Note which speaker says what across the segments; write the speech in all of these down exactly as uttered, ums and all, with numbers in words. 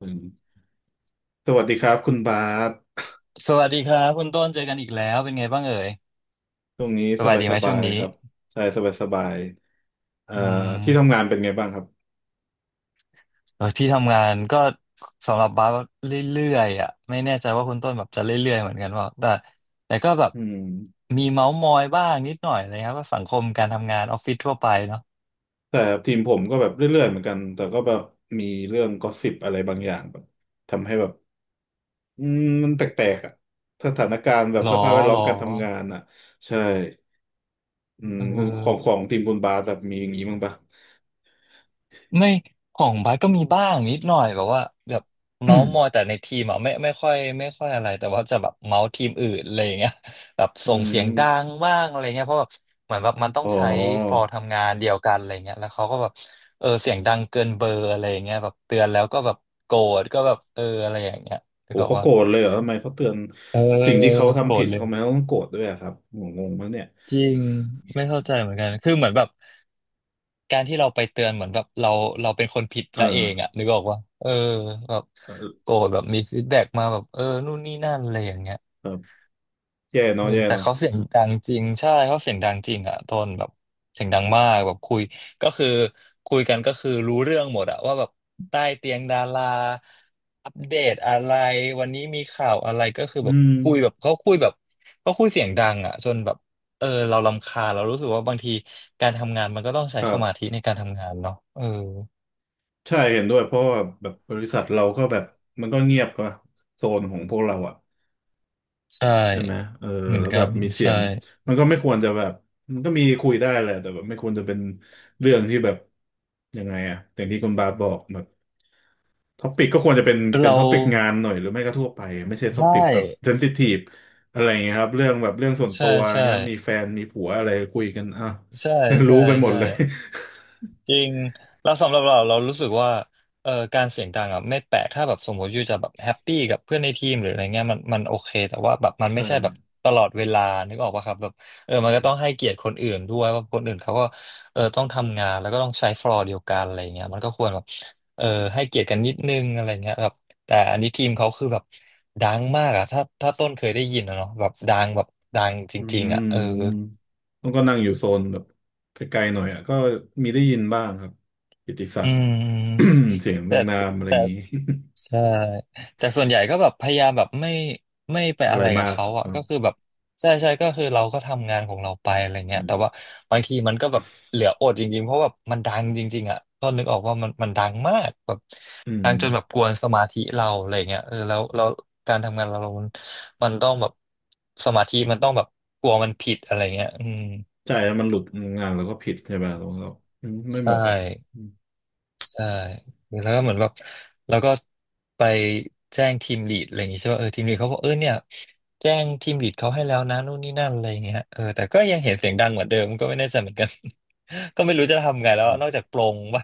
Speaker 1: อืมสวัสดีครับคุณบาส
Speaker 2: สวัสดีครับคุณต้นเจอกันอีกแล้วเป็นไงบ้างเอ่ย
Speaker 1: ช่วงนี้
Speaker 2: ส
Speaker 1: ส
Speaker 2: บาย
Speaker 1: บาย
Speaker 2: ดี
Speaker 1: ส
Speaker 2: ไหม
Speaker 1: บา
Speaker 2: ช่วง
Speaker 1: ย
Speaker 2: นี้
Speaker 1: ครับใช่สบายสบายเอ่อ
Speaker 2: อื
Speaker 1: ที่ทำ
Speaker 2: ม
Speaker 1: งานเป็นไงบ้างครับ
Speaker 2: เออที่ทำงานก็สำหรับบาสเรื่อยๆอ่ะไม่แน่ใจว่าคุณต้นแบบจะเรื่อยๆเหมือนกันเปล่าแต่แต่ก็แบบ
Speaker 1: อืม
Speaker 2: มีเมาส์มอยบ้างนิดหน่อยอะไรครับว่าสังคมการทำงานออฟฟิศทั่วไปเนาะ
Speaker 1: แต่ทีมผมก็แบบเรื่อยๆเหมือนกันแต่ก็แบบมีเรื่องกอสซิปอะไรบางอย่างแบบทำให้แบบอืมมันแปลกๆอ่ะสถานการณ์แบบ
Speaker 2: หรอ
Speaker 1: สภาพแวดล้
Speaker 2: ห
Speaker 1: อ
Speaker 2: ร
Speaker 1: ม
Speaker 2: อ
Speaker 1: การทำงานอ่ะใช่อืม
Speaker 2: เออ
Speaker 1: ของของทีมคุณบาสแบบมีอย่างนี้บ้างปะ
Speaker 2: ไม่ของบาสก็มีบ้างนิดหน่อยแบบว่าแบบเมาส์มอยแต่ในทีมอ่ะไม่ไม่ค่อยไม่ค่อยอะไรแต่ว่าจะแบบเมาส์ทีมอื่นอะไรอย่างเงี้ยแบบ
Speaker 1: อื
Speaker 2: ส่งเสียงดั
Speaker 1: ม
Speaker 2: งบ้างอะไรเงี้ยเพราะแบบเหมือนแบบมันต้อง
Speaker 1: อ๋
Speaker 2: ใช้ฟอ
Speaker 1: อ
Speaker 2: ร์ทำงานเดียวกันอะไรเงี้ยแล้วเขาก็แบบเออเสียงดังเกินเบอร์อะไรอย่างเงี้ยแบบเตือนแล้วก็แบบโกรธก็แบบเอออะไรอย่างเงี้ยแล้ว
Speaker 1: โอ้
Speaker 2: ก็
Speaker 1: เขา
Speaker 2: ว่า
Speaker 1: โกรธเลยเหรอทำไมเขาเตือน
Speaker 2: เออ
Speaker 1: สิ่งที่เขา
Speaker 2: โกร
Speaker 1: ทำผิ
Speaker 2: ธ
Speaker 1: ด
Speaker 2: เลย
Speaker 1: ทำไมเขาไมต้องโกรธด้วยอะครับงงงมั้งเนี่ย
Speaker 2: จริงไม่เข้าใจเหมือนกันคือเหมือนแบบ การที่เราไปเตือนเหมือนแบบเราเราเป็นคนผิด
Speaker 1: เออ
Speaker 2: ซะเองอะนึกออกว่าเออแบบ
Speaker 1: เออ
Speaker 2: โกรธแบบมีฟีดแบ็กมาแบบเออนู่นนี่นั่นอะไรอย่างเงี้ย
Speaker 1: ครับแย่
Speaker 2: เอ
Speaker 1: เนาะ
Speaker 2: อ
Speaker 1: แย่
Speaker 2: แต่
Speaker 1: เนาะ
Speaker 2: เขาเสียงดังจริงใช่เขาเสียงดังจริงอะโทนแบบเสียงดังมากแบบคุยก็คือคุยกันก็คือรู้เรื่องหมดอะว่าแบบใต้เตียงดาราอัปเดตอะไรวันนี้มีข่าวอะไรก็คือ
Speaker 1: อื
Speaker 2: แบบ
Speaker 1: ม
Speaker 2: คุยแบบเขาคุยแบบเขาคุยเสียงดังอะจนแบบเออเรารำคาญเรารู้สึกว่าบางทีการทำงานมันก็ต้องใช้
Speaker 1: ครั
Speaker 2: สมา
Speaker 1: บ
Speaker 2: ธิในการทำงานเนาะเออ
Speaker 1: ใช่เห็นด้วยเพราะว่าแบบบริษัทเราก็แบบมันก็เงียบกว่าโซนของพวกเราอะ
Speaker 2: ใช่
Speaker 1: ใช่ไหมเออ
Speaker 2: เหมือน
Speaker 1: แล้ว
Speaker 2: กั
Speaker 1: แบบ
Speaker 2: น
Speaker 1: มีเสีย
Speaker 2: ใช่
Speaker 1: งมันก็ไม่ควรจะแบบมันก็มีคุยได้แหละแต่แบบไม่ควรจะเป็นเรื่องที่แบบยังไงอะอย่างที่คุณบาสบอกแบบท็อปิกก็ควรจะเป็นเป็น
Speaker 2: เรา
Speaker 1: ท็อปิกงานหน่อยหรือไม่ก็ทั่วไปไม่ใช่ท็อ
Speaker 2: ใช่
Speaker 1: ปิกแบบเซนซิทีฟอะไรอย่างเงี้ยครับเรื่องแบบเรื่องส่วน
Speaker 2: ใช่
Speaker 1: ตัวอะไร
Speaker 2: ใช่
Speaker 1: เงี้ยมีแฟนมีผัวอะไรคุยกันอ่ะ
Speaker 2: ใช่
Speaker 1: รู้
Speaker 2: ใช่
Speaker 1: ไปหมด
Speaker 2: ใช่
Speaker 1: เลย
Speaker 2: จริงแล้วสำหรับเราเรารู้สึกว่าเอ่อการเสียงดังอ่ะไม่แปลกถ้าแบบสมมติอยู่จะแบบแฮปปี้กับเพื่อนในทีมหรืออะไรเงี้ยมันมันโอเคแต่ว่าแบบมั นไม่
Speaker 1: ใช่
Speaker 2: ใช่แบบตลอดเวลานึกออกปะครับแบบเออมันก็ต้องให้เกียรติคนอื่นด้วยว่าคนอื่นเขาก็เออต้องทำงานแล้วก็ต้องใช้ฟลอร์เดียวกันอะไรเงี้ยมันก็ควรแบบเออให้เกียรติกันนิดนึงอะไรเงี้ยครับแต่อันนี้ทีมเขาคือแบบดังมากอ่ะถ้าถ้าต้นเคยได้ยินอะเนาะแบบดังแบบดังจ
Speaker 1: อื
Speaker 2: ริงๆอ่ะเออ
Speaker 1: มมันก็นั่งอยู่โซนแบบไกลๆหน่อยอ่ะก็มีได้ยินบ้างครับกิตติศั
Speaker 2: อื
Speaker 1: กดิ์
Speaker 2: ม
Speaker 1: เสียงเรี
Speaker 2: แต่
Speaker 1: ยงนามอะไรอ
Speaker 2: แต่
Speaker 1: ย่างนี้
Speaker 2: ใช่แต่ส่วนใหญ่ก็แบบพยายามแบบไม่ไม่ไป
Speaker 1: อะ
Speaker 2: อะ
Speaker 1: ไร
Speaker 2: ไรกั
Speaker 1: มา
Speaker 2: บ
Speaker 1: กค
Speaker 2: เขาอ่ะ
Speaker 1: รั
Speaker 2: ก็คื
Speaker 1: บ
Speaker 2: อแบบใช่ใช่ก็คือเราก็ทำงานของเราไปอะไรเงี้
Speaker 1: อื
Speaker 2: ย
Speaker 1: ม
Speaker 2: แต่ว่าบางทีมันก็แบบเหลืออดจริงๆเพราะแบบมันดังจริงๆอ่ะก็นึกออกว่ามันมันดังมากแบบ
Speaker 1: อื
Speaker 2: ดั
Speaker 1: ม
Speaker 2: งจนแบบกวนสมาธิเราอะไรเงี้ยเออแล้วแล้วการทำงานเรามันมันต้องแบบสมาธิมันต้องแบบกลัวมันผิดอะไรเงี้ยอืม
Speaker 1: ใช่แล้วมันหลุดงานแล้วก็ผิดใช่ไหมแล้วก็อืมไม่
Speaker 2: ใช
Speaker 1: เหมาะอะอื
Speaker 2: ่
Speaker 1: ม
Speaker 2: ใช่แล้วก็เหมือนแบบแล้วก็ไปแจ้งทีมลีดอะไรอย่างงี้ใช่ป่ะเออทีมลีดเขาบอกเออเนี่ยแจ้งทีมลีดเขาให้แล้วนะนู่นนี่นั่นอะไรอย่างเงี้ยเออแต่ก็ยังเห็นเสียงดังเหมือนเดิมก็ไม่แน่ใจเหมือนกัน ก็ไม่รู้จะทำไงแล้ว
Speaker 1: อื
Speaker 2: นอก
Speaker 1: ม
Speaker 2: จากปลงว่ะ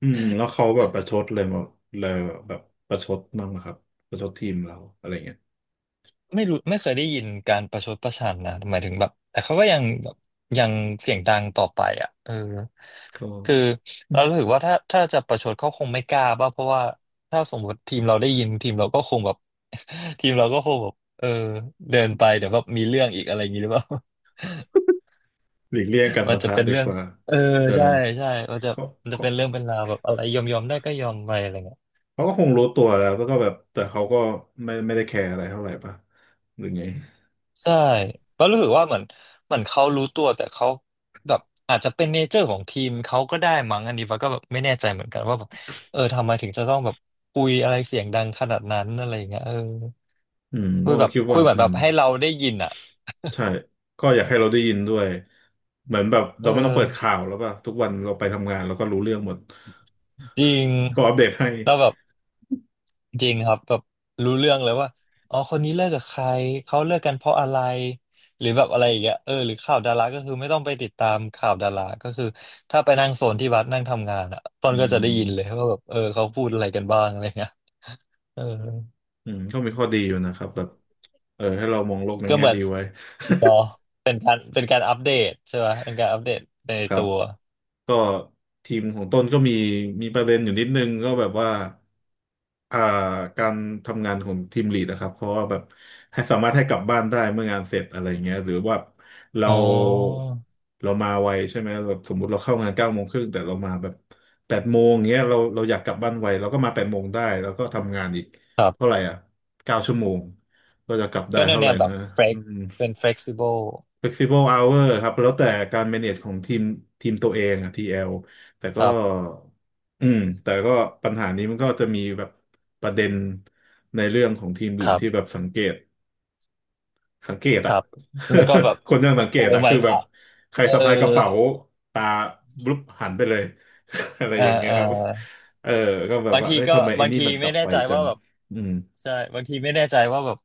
Speaker 1: อืมแล้วเขาแบบประชดเลยแบบเลยแบบประชดบ้างไหมครับประชดทีมเราอะไรเงี้ย
Speaker 2: ไม่รู้ไม่เคยได้ยินการประชดประชันนะหมายถึงแบบแต่เขาก็ยังแบบยังเสียงดังต่อไปอ่ะเออ
Speaker 1: ก็
Speaker 2: คือเรารู้สึกว่าถ้าถ้าจะประชดเขาคงไม่กล้าป่ะเพราะว่าถ้าสมมติทีมเราได้ยินทีมเราก็คงแบบ ทีมเราก็คงแบบเออเดินไปเดี๋ยวแบบมีเรื่องอีกอะไรอย่างนี้หรือเปล่า
Speaker 1: หลีกเลี่ยงการ
Speaker 2: มัน
Speaker 1: ปะ
Speaker 2: จะ
Speaker 1: ทะ
Speaker 2: เป็น
Speaker 1: ดี
Speaker 2: เรื่อ
Speaker 1: ก
Speaker 2: ง
Speaker 1: ว่า
Speaker 2: เออ
Speaker 1: ใช่
Speaker 2: ใช่ใช่มันจะ
Speaker 1: เขา
Speaker 2: มันจะเป็นเรื่องเป็นราวแบบอะไรยอมยอมได้ก็ยอมไปอะไรเงี้ย
Speaker 1: เขาก็คงรู้ตัวแล้วแล้วก็แบบแต่เขาก็ไม่ไม่ได้แคร์อะไรเท่าไหร่ป่ะหรือไง
Speaker 2: ใช่ แล้วรู้สึกว่าเหมือนเหมือนเขารู้ตัวแต่เขาแบบอาจจะเป็นเนเจอร์ของทีมเขาก็ได้มั้งอันนี้ว้าก็แบบไม่แน่ใจเหมือนกันว่าแบบเออทำไมถึงจะต้องแบบคุยอะไรเสียงดังขนาดนั้นอะไรอย่างเงี้ยเออ
Speaker 1: อืม
Speaker 2: คุ
Speaker 1: ต้อ
Speaker 2: ย
Speaker 1: ง
Speaker 2: แบ
Speaker 1: ก็
Speaker 2: บ
Speaker 1: คิด
Speaker 2: คุ
Speaker 1: ว่า
Speaker 2: ยเหมือ
Speaker 1: อื
Speaker 2: นแบ
Speaker 1: ม
Speaker 2: บให้เราได้ยินอ่ะ
Speaker 1: ใช่ก็อยากให้เราได้ยินด้วยเหมือนแบบ
Speaker 2: เอ
Speaker 1: เรา
Speaker 2: อ
Speaker 1: ไม่ต้องเปิดข่าวแล้วป่ะทุกวันเราไปทำงานเราก็รู้เรื่องหมด
Speaker 2: จริง
Speaker 1: เขาอัปเดตให้
Speaker 2: แล้วแบบ จริงครับแบบรู้เรื่องเลยว่าอ๋อคนนี้เลิกกับใครเขาเลิกกันเพราะอะไรหรือแบบอะไรอย่างเงี้ยเออหรือข่าวดาราก็คือไม่ต้องไปติดตามข่าวดาราก็คือถ้าไปนั่งโซนที่วัดนั่งทำงานอ่ะตอ
Speaker 1: อื
Speaker 2: นก็จะได้ยินเลย
Speaker 1: ม
Speaker 2: ว่าแบบเออเขาพูดอะไรกันบ้างอะไรเงี้ยเออ
Speaker 1: อืมก็มีข้อดีอยู่นะครับแบบเออให้เรามองโลกใน
Speaker 2: ก็
Speaker 1: แง่
Speaker 2: เหมือน
Speaker 1: ดีไว้
Speaker 2: เนาะเป็นการเป็นการอัปเดตใช่ไหมเป็นการอัปเดตไปใน
Speaker 1: ครั
Speaker 2: ตั
Speaker 1: บ
Speaker 2: ว
Speaker 1: ก็ทีมของต้นก็มีมีประเด็นอยู่นิดนึงก็แบบว่า อ่าการทำงานของทีมลีดนะครับเพราะว่าแบบให้สามารถให้กลับบ้านได้เมื่องานเสร็จอะไรเงี้ยหรือว่าเรา
Speaker 2: อ๋อ
Speaker 1: เรามาไวใช่ไหมแบบสมมุติเราเข้างานเก้าโมงครึ่งแต่เรามาแบบแปดโมงเงี้ยเราเราอยากกลับบ้านไวเราก็มาแปดโมงได้แล้วก็ทำงานอีก
Speaker 2: ครั
Speaker 1: เท่าไห
Speaker 2: บ
Speaker 1: ร่อ่ะเก้าชั่วโมงก็จะกลับได้
Speaker 2: ก็แนว
Speaker 1: เท่าไห
Speaker 2: แน
Speaker 1: ร่
Speaker 2: วแบ
Speaker 1: นะ
Speaker 2: บเฟ
Speaker 1: อื
Speaker 2: ก
Speaker 1: ม
Speaker 2: เป็น flexible
Speaker 1: flexible hour ครับแล้วแต่การ manage ของทีมทีมตัวเองอะ ที แอล แอลแต่
Speaker 2: ค
Speaker 1: ก็
Speaker 2: รับ
Speaker 1: อืมแต่ก็ปัญหานี้มันก็จะมีแบบประเด็นในเรื่องของทีม
Speaker 2: ค
Speaker 1: อื่น
Speaker 2: รั
Speaker 1: ที่แบ
Speaker 2: บ
Speaker 1: บสังเกตสังเกต
Speaker 2: ค
Speaker 1: อะ
Speaker 2: รับแล้วก็แบบ
Speaker 1: คนยังสังเก
Speaker 2: เออ
Speaker 1: ตอะ
Speaker 2: มั
Speaker 1: คือ
Speaker 2: น
Speaker 1: แบบใคร
Speaker 2: เออ
Speaker 1: สะพายกระเป๋าตาบลุบหันไปเลย อะไร
Speaker 2: เออ
Speaker 1: อย่างเงี้ย
Speaker 2: เออ
Speaker 1: ครับเออก็แบบ
Speaker 2: บาง
Speaker 1: ว่า
Speaker 2: ที
Speaker 1: เอ้ย
Speaker 2: ก็
Speaker 1: ทำไมไอ้
Speaker 2: บาง
Speaker 1: นี่
Speaker 2: ที
Speaker 1: มันก
Speaker 2: ไม่
Speaker 1: ลับ
Speaker 2: แน่
Speaker 1: ไป
Speaker 2: ใจ
Speaker 1: จั
Speaker 2: ว่า
Speaker 1: ง
Speaker 2: แบบ
Speaker 1: อืม
Speaker 2: ใช่บางทีไม่แน่ใจว่าแบบ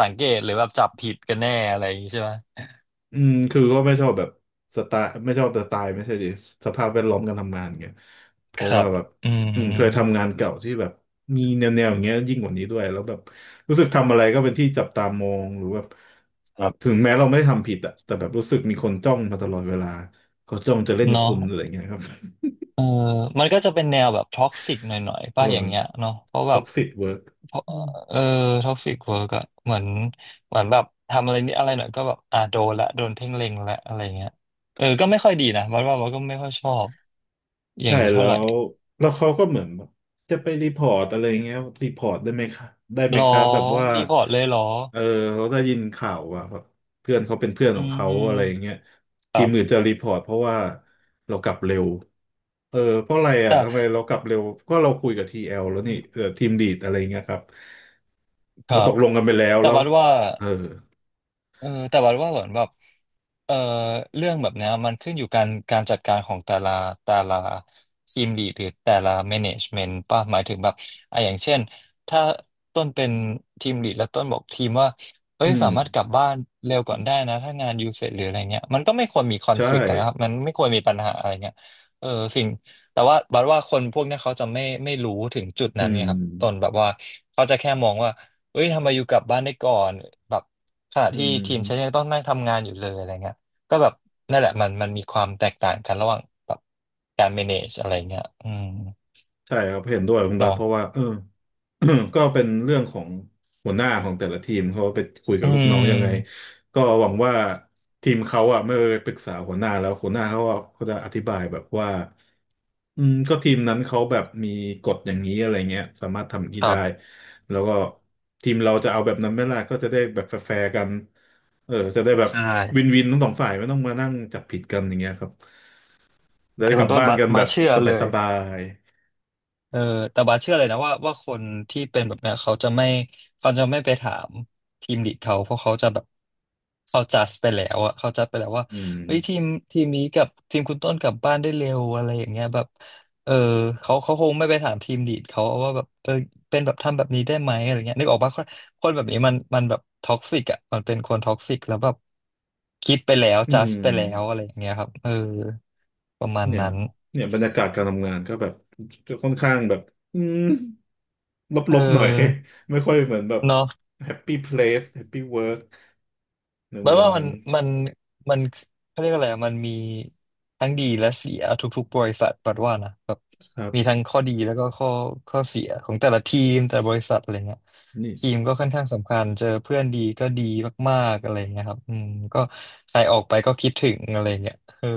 Speaker 2: สังเกตหรือแบบจับผิดกันแน่อะไรอย่างงี้ใช่ไหม
Speaker 1: อืมคือก็ไม่ชอบแบบสไตล์ไม่ชอบสไตล์ไม่ใช่ดิสภาพแวดล้อมการทำงานเงี้ยเพ
Speaker 2: ค
Speaker 1: ราะ
Speaker 2: รั
Speaker 1: ว่า
Speaker 2: บ
Speaker 1: แบบ
Speaker 2: อื
Speaker 1: อืมเคย
Speaker 2: ม
Speaker 1: ทำงานเก่าที่แบบมีแนวแนวอย่างเงี้ยยิ่งกว่านี้ด้วยแล้วแบบรู้สึกทำอะไรก็เป็นที่จับตามองหรือแบบ
Speaker 2: ครั
Speaker 1: ถึง
Speaker 2: บ
Speaker 1: แม้เราไม่ได้ทำผิดอะแต่แบบรู้สึกมีคนจ้องมาตลอดเวลาเขาจ้องจะเล่น
Speaker 2: เนาะ
Speaker 1: คุณอะไรเงี้ยครับ
Speaker 2: เออมันก็จะเป็นแนวแบบท็อกซิกหน่อยๆ
Speaker 1: เอ
Speaker 2: ป่ะอย่างเงี้ย
Speaker 1: อ
Speaker 2: เนาะเพราะแบ
Speaker 1: ท็อ
Speaker 2: บ
Speaker 1: กซิกเวิร์ก
Speaker 2: เพราะเออท็อกซิกเวิร์กอะเหมือนเหมือนแบบทำอะไรนิดอะไรหน่อยก็แบบอ่าโดนละโดนเพ่งเล็งละอะไรเงี้ยเออก็ไม่ค่อยดีนะมันว่ามันก็ไม่ค่อยชอบอย่า
Speaker 1: ใช่
Speaker 2: งนี้เท่า
Speaker 1: แล้
Speaker 2: ไหร่
Speaker 1: วแล้วเขาก็เหมือนแบบจะไปรีพอร์ตอะไรเงี้ยรีพอร์ตได้ไหมคะได้ไหม
Speaker 2: หร
Speaker 1: ค
Speaker 2: อ
Speaker 1: รับแบบว่า
Speaker 2: รีพอร์ตเลยหรอ
Speaker 1: เออเขาได้ยินข่าวว่าแบบเพื่อนเขาเป็นเพื่อน
Speaker 2: อื
Speaker 1: ของเขา
Speaker 2: ม
Speaker 1: อะไรเงี้ย
Speaker 2: ค
Speaker 1: ที
Speaker 2: รั
Speaker 1: ม
Speaker 2: บ
Speaker 1: อื่นจะรีพอร์ตเพราะว่าเรากลับเร็วเออเพราะอะไรอ่ะทำ
Speaker 2: อ่ะ
Speaker 1: ไมเรากลับเร็วก็เราคุยกับทีเอลแล้วนี่เออทีมลีดอะไรเงี้ยครับ
Speaker 2: ค
Speaker 1: เรา
Speaker 2: รั
Speaker 1: ต
Speaker 2: บ
Speaker 1: กลงกันไปแล้ว
Speaker 2: แต่
Speaker 1: แล้ว
Speaker 2: ว่าว่า
Speaker 1: เออ
Speaker 2: เออแต่ว่าว่าเหมือนแบบเออเรื่องแบบเนี้ยมันขึ้นอยู่การการจัดการของแต่ละแต่ละทีมลีดหรือแต่ละแมネจเมนต์ป่ะหมายถึงแบบอ่ะอย่างเช่นถ้าต้นเป็นทีมลีดแล้วต้นบอกทีมว่าเอ้ย
Speaker 1: อื
Speaker 2: สา
Speaker 1: ม
Speaker 2: มารถกลับบ้านเร็วก่อนได้นะถ้างานยูเสร็จหรืออะไรเงี้ยมันก็ไม่ควรมีคอน
Speaker 1: ใช่
Speaker 2: ฟ lict กต์กันนะครับมันไม่ควรมีปัญหาอะไรเงี้ยเออสิ่งแต่ว่าบัดว่าคนพวกเนี้ยเขาจะไม่ไม่รู้ถึงจุด
Speaker 1: อื
Speaker 2: นั้นเนี่ยครับต้น
Speaker 1: ม
Speaker 2: แบบว่าเขาจะแค่มองว่าเอ้ยทำไมอยู่กลับบ้านได้ก่อนแบบ ขณะ
Speaker 1: อื
Speaker 2: ที่ทีมฉัน
Speaker 1: ม
Speaker 2: ยังต้องนั่งทำงานอยู่เลยอะไรเงี้ยก็แบบนั่นแหละมันมันมีความแตกต่างกันระหว่างแบบการ manage อะไรเงี้ยอืม
Speaker 1: ใช่ครับเห็นด้วยคุณบาส
Speaker 2: เนาะ
Speaker 1: เพราะว่าเออ ก็เป็นเรื่องของหัวหน้าของแต่ละทีมเขาไปคุย
Speaker 2: อื
Speaker 1: กับลูกน้อง
Speaker 2: ม
Speaker 1: ยังไงก็หวังว่าทีมเขาอ่ะเมื่อปรึกษาหัวหน้าแล้วหัวหน้าเขาอะเขาจะอธิบายแบบว่าอืมก็ทีมนั้นเขาแบบมีกฎอย่างนี้อะไรเงี้ยสามารถทำอย่าง
Speaker 2: ค
Speaker 1: นี้
Speaker 2: รั
Speaker 1: ได้
Speaker 2: บ
Speaker 1: แล้วก็ทีมเราจะเอาแบบนั้นไหม่ล่ะก็จะได้แบบแฟร์ๆกันเออจะได้แบบ
Speaker 2: ใช่
Speaker 1: วินวินทั้งสองฝ่ายไม่ต้องมานั่งจับผิดกันอย่างเงี้ยครับจะ
Speaker 2: แต่
Speaker 1: ได้ก
Speaker 2: คุ
Speaker 1: ลั
Speaker 2: ณ
Speaker 1: บ
Speaker 2: ต้น
Speaker 1: บ้าน
Speaker 2: บัส
Speaker 1: กันแบ
Speaker 2: บัส
Speaker 1: บ
Speaker 2: เชื่อเล
Speaker 1: ส
Speaker 2: ย
Speaker 1: บาย
Speaker 2: เออแต่บาสเชื่อเลยนะว่าว่าคนที่เป็นแบบเนี้ยเขาจะไม่เขาจะไม่ไปถามทีมลีดเขาเพราะเขาจะแบบเขาจัดไปแล้วอะเขาจัดไปแล้วว่า
Speaker 1: ๆอืม
Speaker 2: เฮ้ยทีมทีมนี้กับทีมคุณต้นกลับบ้านได้เร็วอะไรอย่างเงี้ยแบบเออเขาเขาคงไม่ไปถามทีมลีดเขาว่าแบบเออเป็นแบบทำแบบนี้ได้ไหมอะไรเงี้ยนึกออกปะคนคนแบบนี้มันมันแบบท็อกซิกอะมันเป็นคนท็อกซิกแล้วแบบคิดไปแล้ว
Speaker 1: อื
Speaker 2: จัด
Speaker 1: ม
Speaker 2: ไปแล้วอะไรอย่างเงี้ยครับเออประมาณ
Speaker 1: เนี่ย
Speaker 2: นั้น
Speaker 1: เนี่ยบรรยากาศการทำงานก็แบบค่อนข้างแบบอืม
Speaker 2: เอ
Speaker 1: ลบๆหน่อย
Speaker 2: อ
Speaker 1: ไม่ค่อยเหมือนแบบ
Speaker 2: เนาะ
Speaker 1: Happy Place Happy Work
Speaker 2: แล้
Speaker 1: แน
Speaker 2: ว
Speaker 1: ว
Speaker 2: ว่า
Speaker 1: ๆ
Speaker 2: มัน
Speaker 1: นั้น
Speaker 2: มันมันเขาเรียกอะไรอะมันมีทั้งดีและเสียทุกๆบริษัทปัดว่านะแบบ
Speaker 1: ครั
Speaker 2: มี
Speaker 1: บ
Speaker 2: ทั้งข้อดีแล้วก็ข้อข้อเสียของแต่ละทีมแต่ละบริษัทอะไรเงี้ย
Speaker 1: นี่
Speaker 2: ทีมก็ค่อนข้างสำคัญเจอเพื่อนดีก็ดีมากๆอะไรเงี้ยครับอืมก็ใครออกไปก็คิดถึงอะไรเงี้ยเออ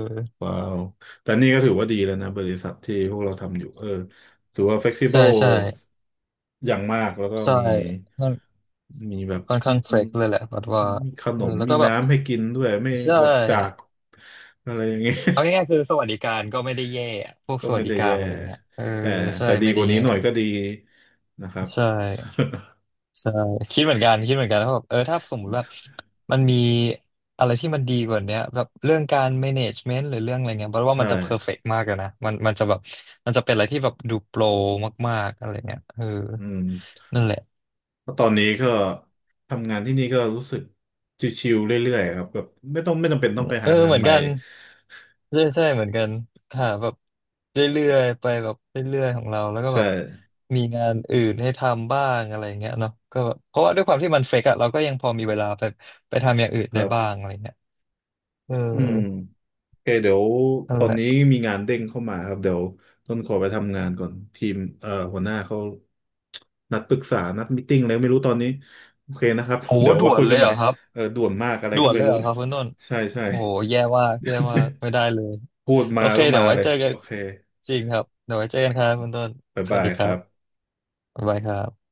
Speaker 1: ว้าวแต่นี่ก็ถือว่าดีแล้วนะบริษัทที่พวกเราทำอยู่เออถือว่า f l e x i b l
Speaker 2: ใช่
Speaker 1: e
Speaker 2: ใช่
Speaker 1: อย่างมากแล้วก็
Speaker 2: ใช่
Speaker 1: มี
Speaker 2: ค่อน
Speaker 1: มีแบบ
Speaker 2: ค่อน
Speaker 1: อื
Speaker 2: ข้างเฟร
Speaker 1: ม
Speaker 2: กเลยแหละปัดว่า
Speaker 1: มีข
Speaker 2: เอ
Speaker 1: น
Speaker 2: อ
Speaker 1: ม
Speaker 2: แล้ว
Speaker 1: มี
Speaker 2: ก็แบบ
Speaker 1: น้ำให้กินด้วยไม่
Speaker 2: ใช่
Speaker 1: อดจากอะไรอย่างเงี้ย
Speaker 2: เอาง่ายๆคือสวัสดิการก็ไม่ได้แย่อะพวก
Speaker 1: ก็
Speaker 2: สวั
Speaker 1: ไม่
Speaker 2: สดิ
Speaker 1: ได้
Speaker 2: การ
Speaker 1: แย่
Speaker 2: อะไรเงี้ยเออ
Speaker 1: แต่
Speaker 2: ใช่
Speaker 1: แต่ดี
Speaker 2: ไม่
Speaker 1: ก
Speaker 2: ได้
Speaker 1: ว่านี้
Speaker 2: แย่
Speaker 1: หน่อยก็ดีนะครับ
Speaker 2: ใช่ ใช่คิดเหมือนกันคิดเหมือนกันว่าแบบเออถ้าสมมติว่ามันมีอะไรที่มันดีกว่าเนี้ยแบบเรื่องการ management หรือเรื่องอะไรเงี้ยเพราะว่า
Speaker 1: ใช่
Speaker 2: มันจะ perfect มากเลยนะมันมันจะแบบมันจะเป็นอะไรที่แบบดูโปรมากๆอะไรเงี้ยเออ
Speaker 1: อืม
Speaker 2: นั่นแหละ
Speaker 1: เพราะตอนนี้ก็ทำงานที่นี่ก็รู้สึกชิวๆเรื่อยๆครับแบบไม่ต้องไม่จำเป็นต้องไป
Speaker 2: เอ
Speaker 1: หา
Speaker 2: อ
Speaker 1: งา
Speaker 2: เห
Speaker 1: น
Speaker 2: มือน
Speaker 1: ใหม่
Speaker 2: กันใช่ใช่เหมือนกันหาแบบเรื่อยๆไปแบบเรื่อยๆของเราแล้วก็แบ
Speaker 1: ใช่
Speaker 2: บมีงานอื่นให้ทำบ้างอะไรเงี้ยเนาะก็แบบเพราะว่าด้วยความที่มันเฟกอะเราก็ยังพอมีเวลาไปไปทำอย่างอื่น
Speaker 1: ค
Speaker 2: ได้
Speaker 1: รั
Speaker 2: บ้าง
Speaker 1: บ
Speaker 2: อะไรเงี้ยเออ
Speaker 1: อืม โอเคเดี๋ยว
Speaker 2: นั่
Speaker 1: ต
Speaker 2: น
Speaker 1: อ
Speaker 2: แห
Speaker 1: น
Speaker 2: ละ
Speaker 1: นี้มีงานเด้งเข้ามาครับเดี๋ยวต้นขอไปทำงานก่อนทีมเอ่อหัวหน้าเขานัดปรึกษานัดมีตติ้งอะไรไม่รู้ตอนนี้โอเคนะครับ
Speaker 2: โอ้
Speaker 1: เดี๋ยว
Speaker 2: ด่
Speaker 1: ไว่า
Speaker 2: ว
Speaker 1: คุ
Speaker 2: น
Speaker 1: ย
Speaker 2: เล
Speaker 1: กัน
Speaker 2: ย
Speaker 1: ให
Speaker 2: เห
Speaker 1: ม่
Speaker 2: รอครับ
Speaker 1: เออด่วนมากอะไร
Speaker 2: ด่
Speaker 1: ก็
Speaker 2: วน
Speaker 1: ไม่
Speaker 2: เลย
Speaker 1: รู้
Speaker 2: เหรอครับคุณต้น
Speaker 1: ใช่ใช่
Speaker 2: โอ้โหแย่มากแย่มากไม่ได้เลย
Speaker 1: พูด
Speaker 2: โอ
Speaker 1: มา
Speaker 2: เค
Speaker 1: ก็
Speaker 2: เดี๋
Speaker 1: มา
Speaker 2: ยวไว้
Speaker 1: เลย
Speaker 2: เจอกัน
Speaker 1: โอเค
Speaker 2: จริงครับเดี๋ยวไว้เจอกันครับคุณต้น
Speaker 1: บ๊าย
Speaker 2: สวั
Speaker 1: บา
Speaker 2: ส
Speaker 1: ย
Speaker 2: ดีค
Speaker 1: ค
Speaker 2: รั
Speaker 1: รับ
Speaker 2: บบ๊ายบายครับ